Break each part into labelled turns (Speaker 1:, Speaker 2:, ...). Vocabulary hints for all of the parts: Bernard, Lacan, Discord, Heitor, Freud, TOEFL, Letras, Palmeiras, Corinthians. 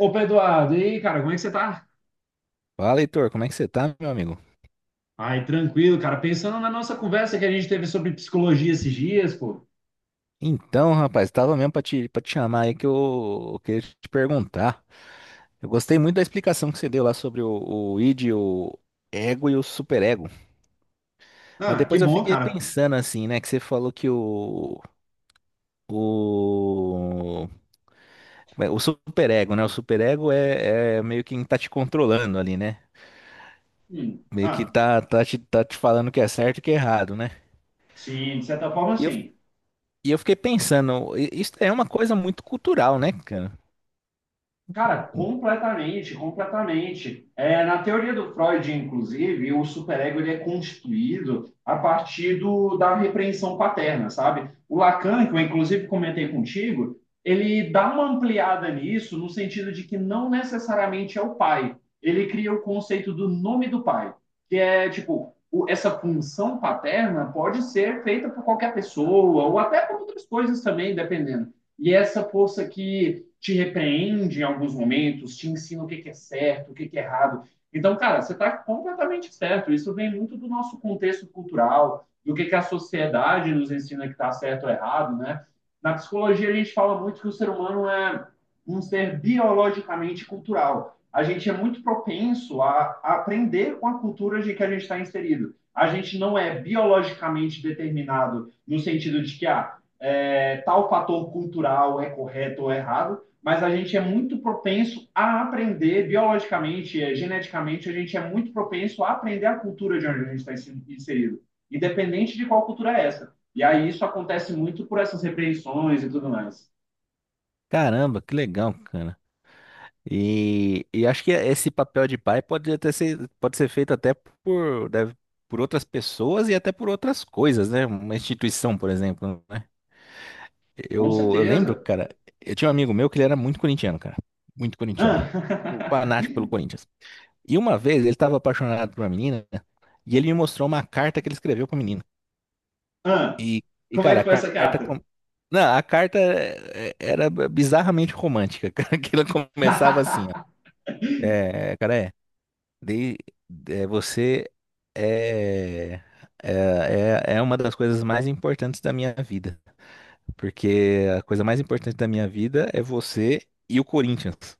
Speaker 1: Ô, Pedro Eduardo, e aí, cara, como é que você tá?
Speaker 2: Fala, Heitor, como é que você tá, meu amigo?
Speaker 1: Ai, tranquilo, cara. Pensando na nossa conversa que a gente teve sobre psicologia esses dias, pô.
Speaker 2: Então, rapaz, tava mesmo pra te chamar aí que eu queria te perguntar. Eu gostei muito da explicação que você deu lá sobre o id, o ego e o superego. Mas
Speaker 1: Ah, que
Speaker 2: depois eu
Speaker 1: bom,
Speaker 2: fiquei
Speaker 1: cara.
Speaker 2: pensando assim, né, que você falou que o, como é? o superego é meio que tá te controlando ali, né? Meio que
Speaker 1: Ah,
Speaker 2: tá te falando o que é certo e o que é errado, né?
Speaker 1: sim, de certa forma,
Speaker 2: E eu,
Speaker 1: sim.
Speaker 2: e eu fiquei pensando, isso é uma coisa muito cultural, né, cara?
Speaker 1: Cara, completamente, completamente. É, na teoria do Freud, inclusive, o superego ele é constituído a partir da repreensão paterna, sabe? O Lacan, que eu inclusive comentei contigo, ele dá uma ampliada nisso no sentido de que não necessariamente é o pai. Ele cria o conceito do nome do pai, que é tipo, essa função paterna pode ser feita por qualquer pessoa ou até por outras coisas também, dependendo. E essa força que te repreende em alguns momentos, te ensina o que é certo, o que é errado. Então, cara, você está completamente certo. Isso vem muito do nosso contexto cultural, do que a sociedade nos ensina que está certo ou errado, né? Na psicologia, a gente fala muito que o ser humano é um ser biologicamente cultural. A gente é muito propenso aprender com a cultura de que a gente está inserido. A gente não é biologicamente determinado no sentido de que ah, é, tal fator cultural é correto ou errado, mas a gente é muito propenso a aprender biologicamente, geneticamente, a gente é muito propenso a aprender a cultura de onde a gente está inserido, independente de qual cultura é essa. E aí isso acontece muito por essas repreensões e tudo mais.
Speaker 2: Caramba, que legal, cara. E acho que esse papel de pai pode ser feito até por outras pessoas e até por outras coisas, né? Uma instituição, por exemplo, né?
Speaker 1: Com
Speaker 2: Eu lembro,
Speaker 1: certeza.
Speaker 2: cara, eu tinha um amigo meu que ele era muito corintiano, cara. Muito corintiano.
Speaker 1: Ah,
Speaker 2: Fanático pelo Corinthians. E uma vez ele estava apaixonado por uma menina e ele me mostrou uma carta que ele escreveu pra menina.
Speaker 1: ah,
Speaker 2: E, e,
Speaker 1: como é
Speaker 2: cara.
Speaker 1: que foi essa carta?
Speaker 2: Não, a carta era bizarramente romântica, cara, que ela começava assim, ó. É, cara, é. De, você é, é, é uma das coisas mais importantes da minha vida. Porque a coisa mais importante da minha vida é você e o Corinthians.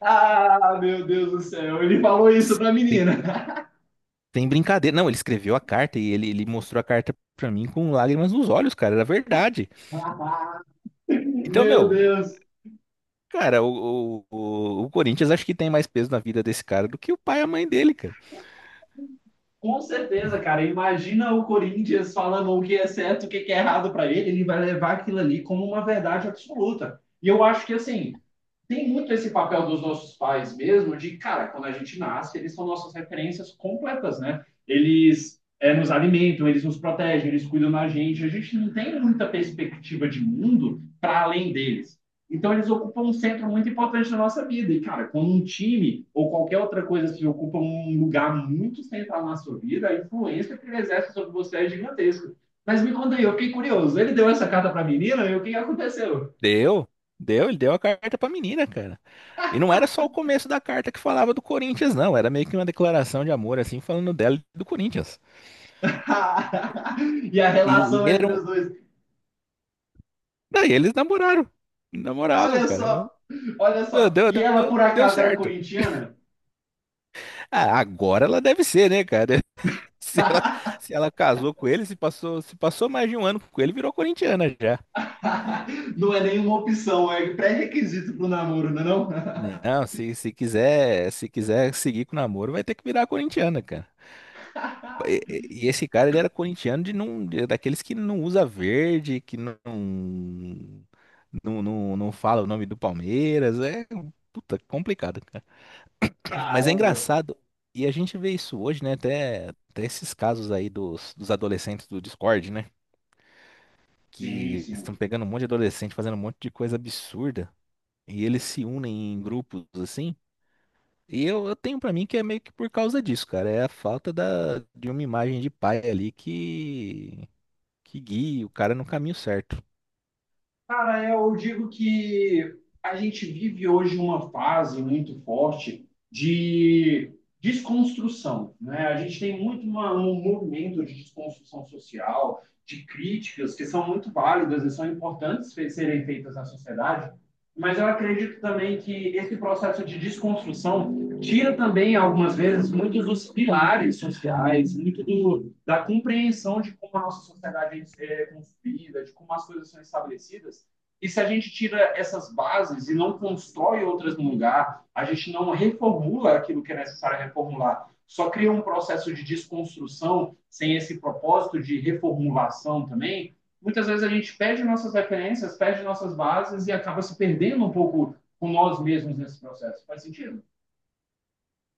Speaker 1: ah, meu Deus do céu, ele falou isso pra
Speaker 2: Tem,
Speaker 1: menina.
Speaker 2: tem brincadeira. Não, ele escreveu a carta e ele mostrou a carta pra mim com lágrimas nos olhos, cara. Era verdade. Então,
Speaker 1: meu
Speaker 2: meu,
Speaker 1: Deus.
Speaker 2: cara, o Corinthians acho que tem mais peso na vida desse cara do que o pai e a mãe dele, cara.
Speaker 1: Com certeza, cara. Imagina o Corinthians falando o que é certo, o que é errado para ele, ele vai levar aquilo ali como uma verdade absoluta. E eu acho que assim, tem muito esse papel dos nossos pais mesmo, de cara, quando a gente nasce, eles são nossas referências completas, né? Eles é, nos alimentam, eles nos protegem, eles cuidam da gente. A gente não tem muita perspectiva de mundo para além deles. Então eles ocupam um centro muito importante na nossa vida. E, cara, quando um time ou qualquer outra coisa se ocupa um lugar muito central na sua vida, a influência que ele exerce sobre você é gigantesca. Mas me conta aí, eu fiquei curioso. Ele deu essa carta para a menina e o que aconteceu?
Speaker 2: Deu, ele deu a carta pra menina, cara. E não era só o começo da carta que falava do Corinthians, não. Era meio que uma declaração de amor, assim, falando dela e do Corinthians.
Speaker 1: e a
Speaker 2: E
Speaker 1: relação entre
Speaker 2: eram.
Speaker 1: os dois.
Speaker 2: Daí eles namoraram. Namoravam,
Speaker 1: Olha
Speaker 2: cara. Eu.
Speaker 1: só, olha
Speaker 2: Meu,
Speaker 1: só.
Speaker 2: Deus,
Speaker 1: E
Speaker 2: Deu,
Speaker 1: ela,
Speaker 2: deu,
Speaker 1: por
Speaker 2: deu
Speaker 1: acaso, era
Speaker 2: certo.
Speaker 1: corintiana?
Speaker 2: Ah, agora ela deve ser, né, cara? Se ela, se ela casou com ele, se passou mais de um ano com ele, virou corintiana já.
Speaker 1: não é nenhuma opção, é pré-requisito para o namoro, não é não?
Speaker 2: Não, se quiser seguir com o namoro, vai ter que virar corintiana, cara. E e esse cara, ele era corintiano de não, de- daqueles que não usa verde, que não fala o nome do Palmeiras. Puta, complicado, cara. Mas é
Speaker 1: Caramba.
Speaker 2: engraçado. E a gente vê isso hoje, né? Até esses casos aí dos adolescentes do Discord, né?
Speaker 1: Sim,
Speaker 2: Que estão
Speaker 1: sim.
Speaker 2: pegando um monte de adolescente, fazendo um monte de coisa absurda. E eles se unem em grupos assim. E eu tenho pra mim que é meio que por causa disso, cara. É a falta de uma imagem de pai ali que guie o cara no caminho certo.
Speaker 1: Cara, eu digo que a gente vive hoje uma fase muito forte de desconstrução, né? A gente tem muito um movimento de desconstrução social, de críticas que são muito válidas e são importantes serem feitas na sociedade, mas eu acredito também que esse processo de desconstrução tira também, algumas vezes, muitos dos pilares sociais, muito do, da compreensão de como a nossa sociedade é construída, de como as coisas são estabelecidas. E se a gente tira essas bases e não constrói outras no lugar, a gente não reformula aquilo que é necessário reformular, só cria um processo de desconstrução sem esse propósito de reformulação também, muitas vezes a gente perde nossas referências, perde nossas bases e acaba se perdendo um pouco com nós mesmos nesse processo. Faz sentido?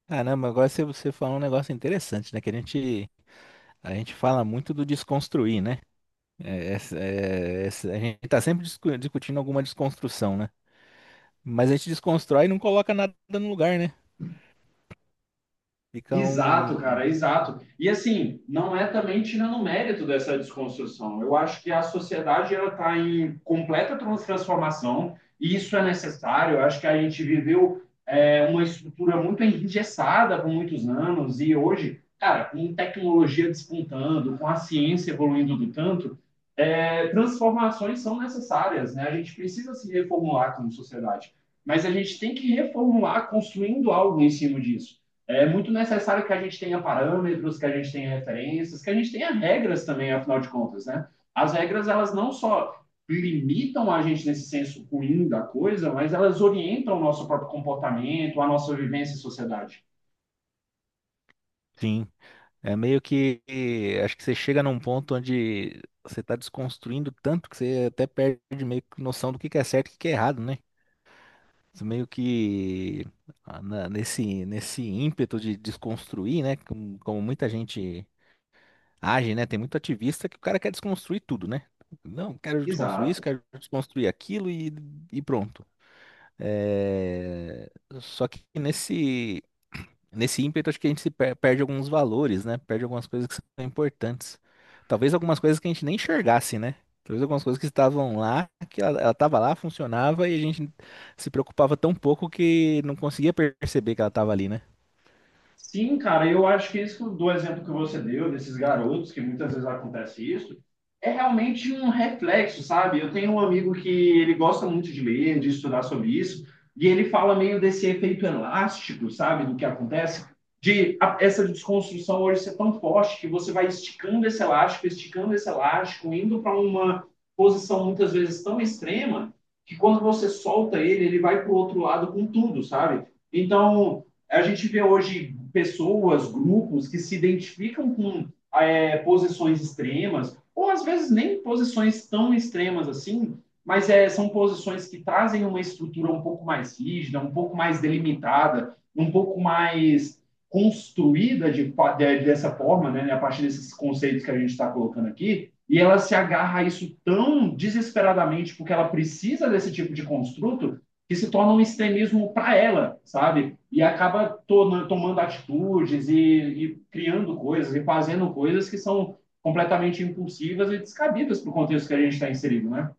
Speaker 2: Caramba, agora você falou um negócio interessante, né? Que a gente fala muito do desconstruir, né? A gente tá sempre discutindo alguma desconstrução, né? Mas a gente desconstrói e não coloca nada no lugar, né? Fica
Speaker 1: Exato,
Speaker 2: um.
Speaker 1: cara, exato. E assim, não é também tirando o mérito dessa desconstrução. Eu acho que a sociedade ela está em completa transformação e isso é necessário. Eu acho que a gente viveu é, uma estrutura muito engessada por muitos anos e hoje, cara, com tecnologia despontando, com a ciência evoluindo do tanto, é, transformações são necessárias, né? A gente precisa se reformular como sociedade, mas a gente tem que reformular construindo algo em cima disso. É muito necessário que a gente tenha parâmetros, que a gente tenha referências, que a gente tenha regras também, afinal de contas, né? As regras, elas não só limitam a gente nesse senso ruim da coisa, mas elas orientam o nosso próprio comportamento, a nossa vivência em sociedade.
Speaker 2: Sim. É meio que. Acho que você chega num ponto onde você tá desconstruindo tanto que você até perde meio que noção do que é certo e o que que é errado, né? Meio que nesse ímpeto de desconstruir, né? Como muita gente age, né? Tem muito ativista que o cara quer desconstruir tudo, né? Não, quero desconstruir isso,
Speaker 1: Exato.
Speaker 2: quero desconstruir aquilo e pronto. É, Só que nesse Nesse ímpeto, acho que a gente se perde alguns valores, né? Perde algumas coisas que são importantes. Talvez algumas coisas que a gente nem enxergasse, né? Talvez algumas coisas que estavam lá, que ela estava lá, funcionava e a gente se preocupava tão pouco que não conseguia perceber que ela estava ali, né?
Speaker 1: Sim, cara, eu acho que isso do exemplo que você deu, desses garotos, que muitas vezes acontece isso, é realmente um reflexo, sabe? Eu tenho um amigo que ele gosta muito de ler, de estudar sobre isso, e ele fala meio desse efeito elástico, sabe? Do que acontece, de essa desconstrução hoje ser tão forte que você vai esticando esse elástico, indo para uma posição muitas vezes tão extrema, que quando você solta ele, ele vai para o outro lado com tudo, sabe? Então. É, a gente vê hoje pessoas, grupos que se identificam com é, posições extremas, ou às vezes nem posições tão extremas assim, mas é, são posições que trazem uma estrutura um pouco mais rígida, um pouco mais delimitada, um pouco mais construída dessa forma, né, a partir desses conceitos que a gente está colocando aqui, e ela se agarra a isso tão desesperadamente porque ela precisa desse tipo de construto que se torna um extremismo para ela, sabe? E acaba to tomando atitudes e criando coisas e fazendo coisas que são completamente impulsivas e descabidas para o contexto que a gente está inserido, né?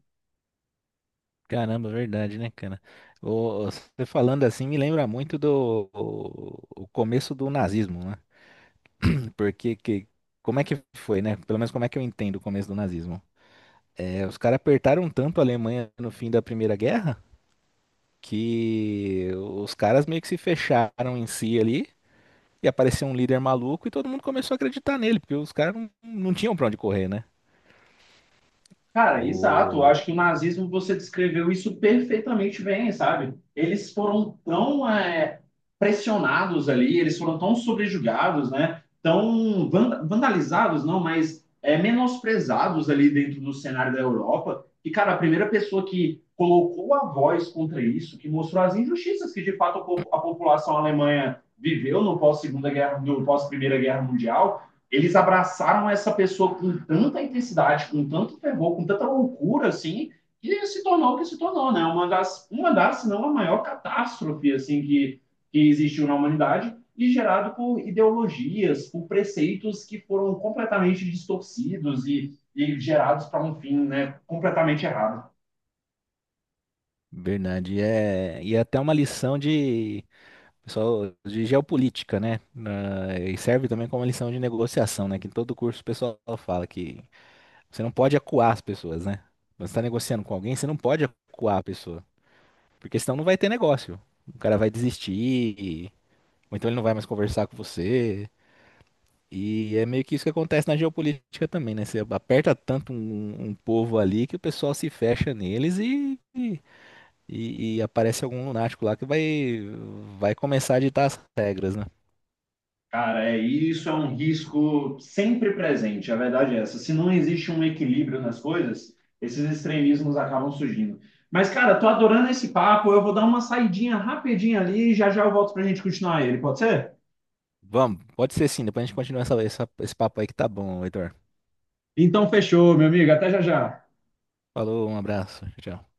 Speaker 2: Caramba, verdade, né, cara? Ô, você falando assim me lembra muito do o começo do nazismo, né? Porque que, como é que foi, né? Pelo menos como é que eu entendo o começo do nazismo. Os caras apertaram tanto a Alemanha no fim da Primeira Guerra que os caras meio que se fecharam em si ali e apareceu um líder maluco e todo mundo começou a acreditar nele, porque os caras não tinham pra onde correr, né?
Speaker 1: Cara, exato. Eu
Speaker 2: O
Speaker 1: acho que o nazismo você descreveu isso perfeitamente bem, sabe? Eles foram tão é, pressionados ali, eles foram tão subjugados, né? Tão vandalizados, não, mas é, menosprezados ali dentro do cenário da Europa. E, cara, a primeira pessoa que colocou a voz contra isso, que mostrou as injustiças que de fato a a população alemã viveu no pós-segunda guerra, no pós-primeira guerra mundial eles abraçaram essa pessoa com tanta intensidade, com tanto fervor, com tanta loucura, assim, que se tornou o que se tornou, né? Uma das se não a maior catástrofe, assim, que existiu na humanidade e gerado por ideologias, por preceitos que foram completamente distorcidos e gerados para um fim, né, completamente errado.
Speaker 2: Bernard é até uma lição de pessoal de geopolítica, né? E serve também como lição de negociação, né? Que em todo curso o pessoal fala que você não pode acuar as pessoas, né? Quando você está negociando com alguém, você não pode acuar a pessoa, porque senão não vai ter negócio. O cara vai desistir, ou então ele não vai mais conversar com você. E é meio que isso que acontece na geopolítica também, né? Você aperta tanto um povo ali que o pessoal se fecha neles e aparece algum lunático lá que vai começar a ditar as regras, né?
Speaker 1: Cara, é, isso é um risco sempre presente, a verdade é essa. Se não existe um equilíbrio nas coisas, esses extremismos acabam surgindo. Mas, cara, tô adorando esse papo, eu vou dar uma saidinha rapidinha ali e já já eu volto pra gente continuar ele, pode ser?
Speaker 2: Vamos, pode ser sim, depois a gente continua esse papo aí que tá bom, Heitor.
Speaker 1: Então, fechou, meu amigo. Até já já.
Speaker 2: Falou, um abraço, tchau. Tchau.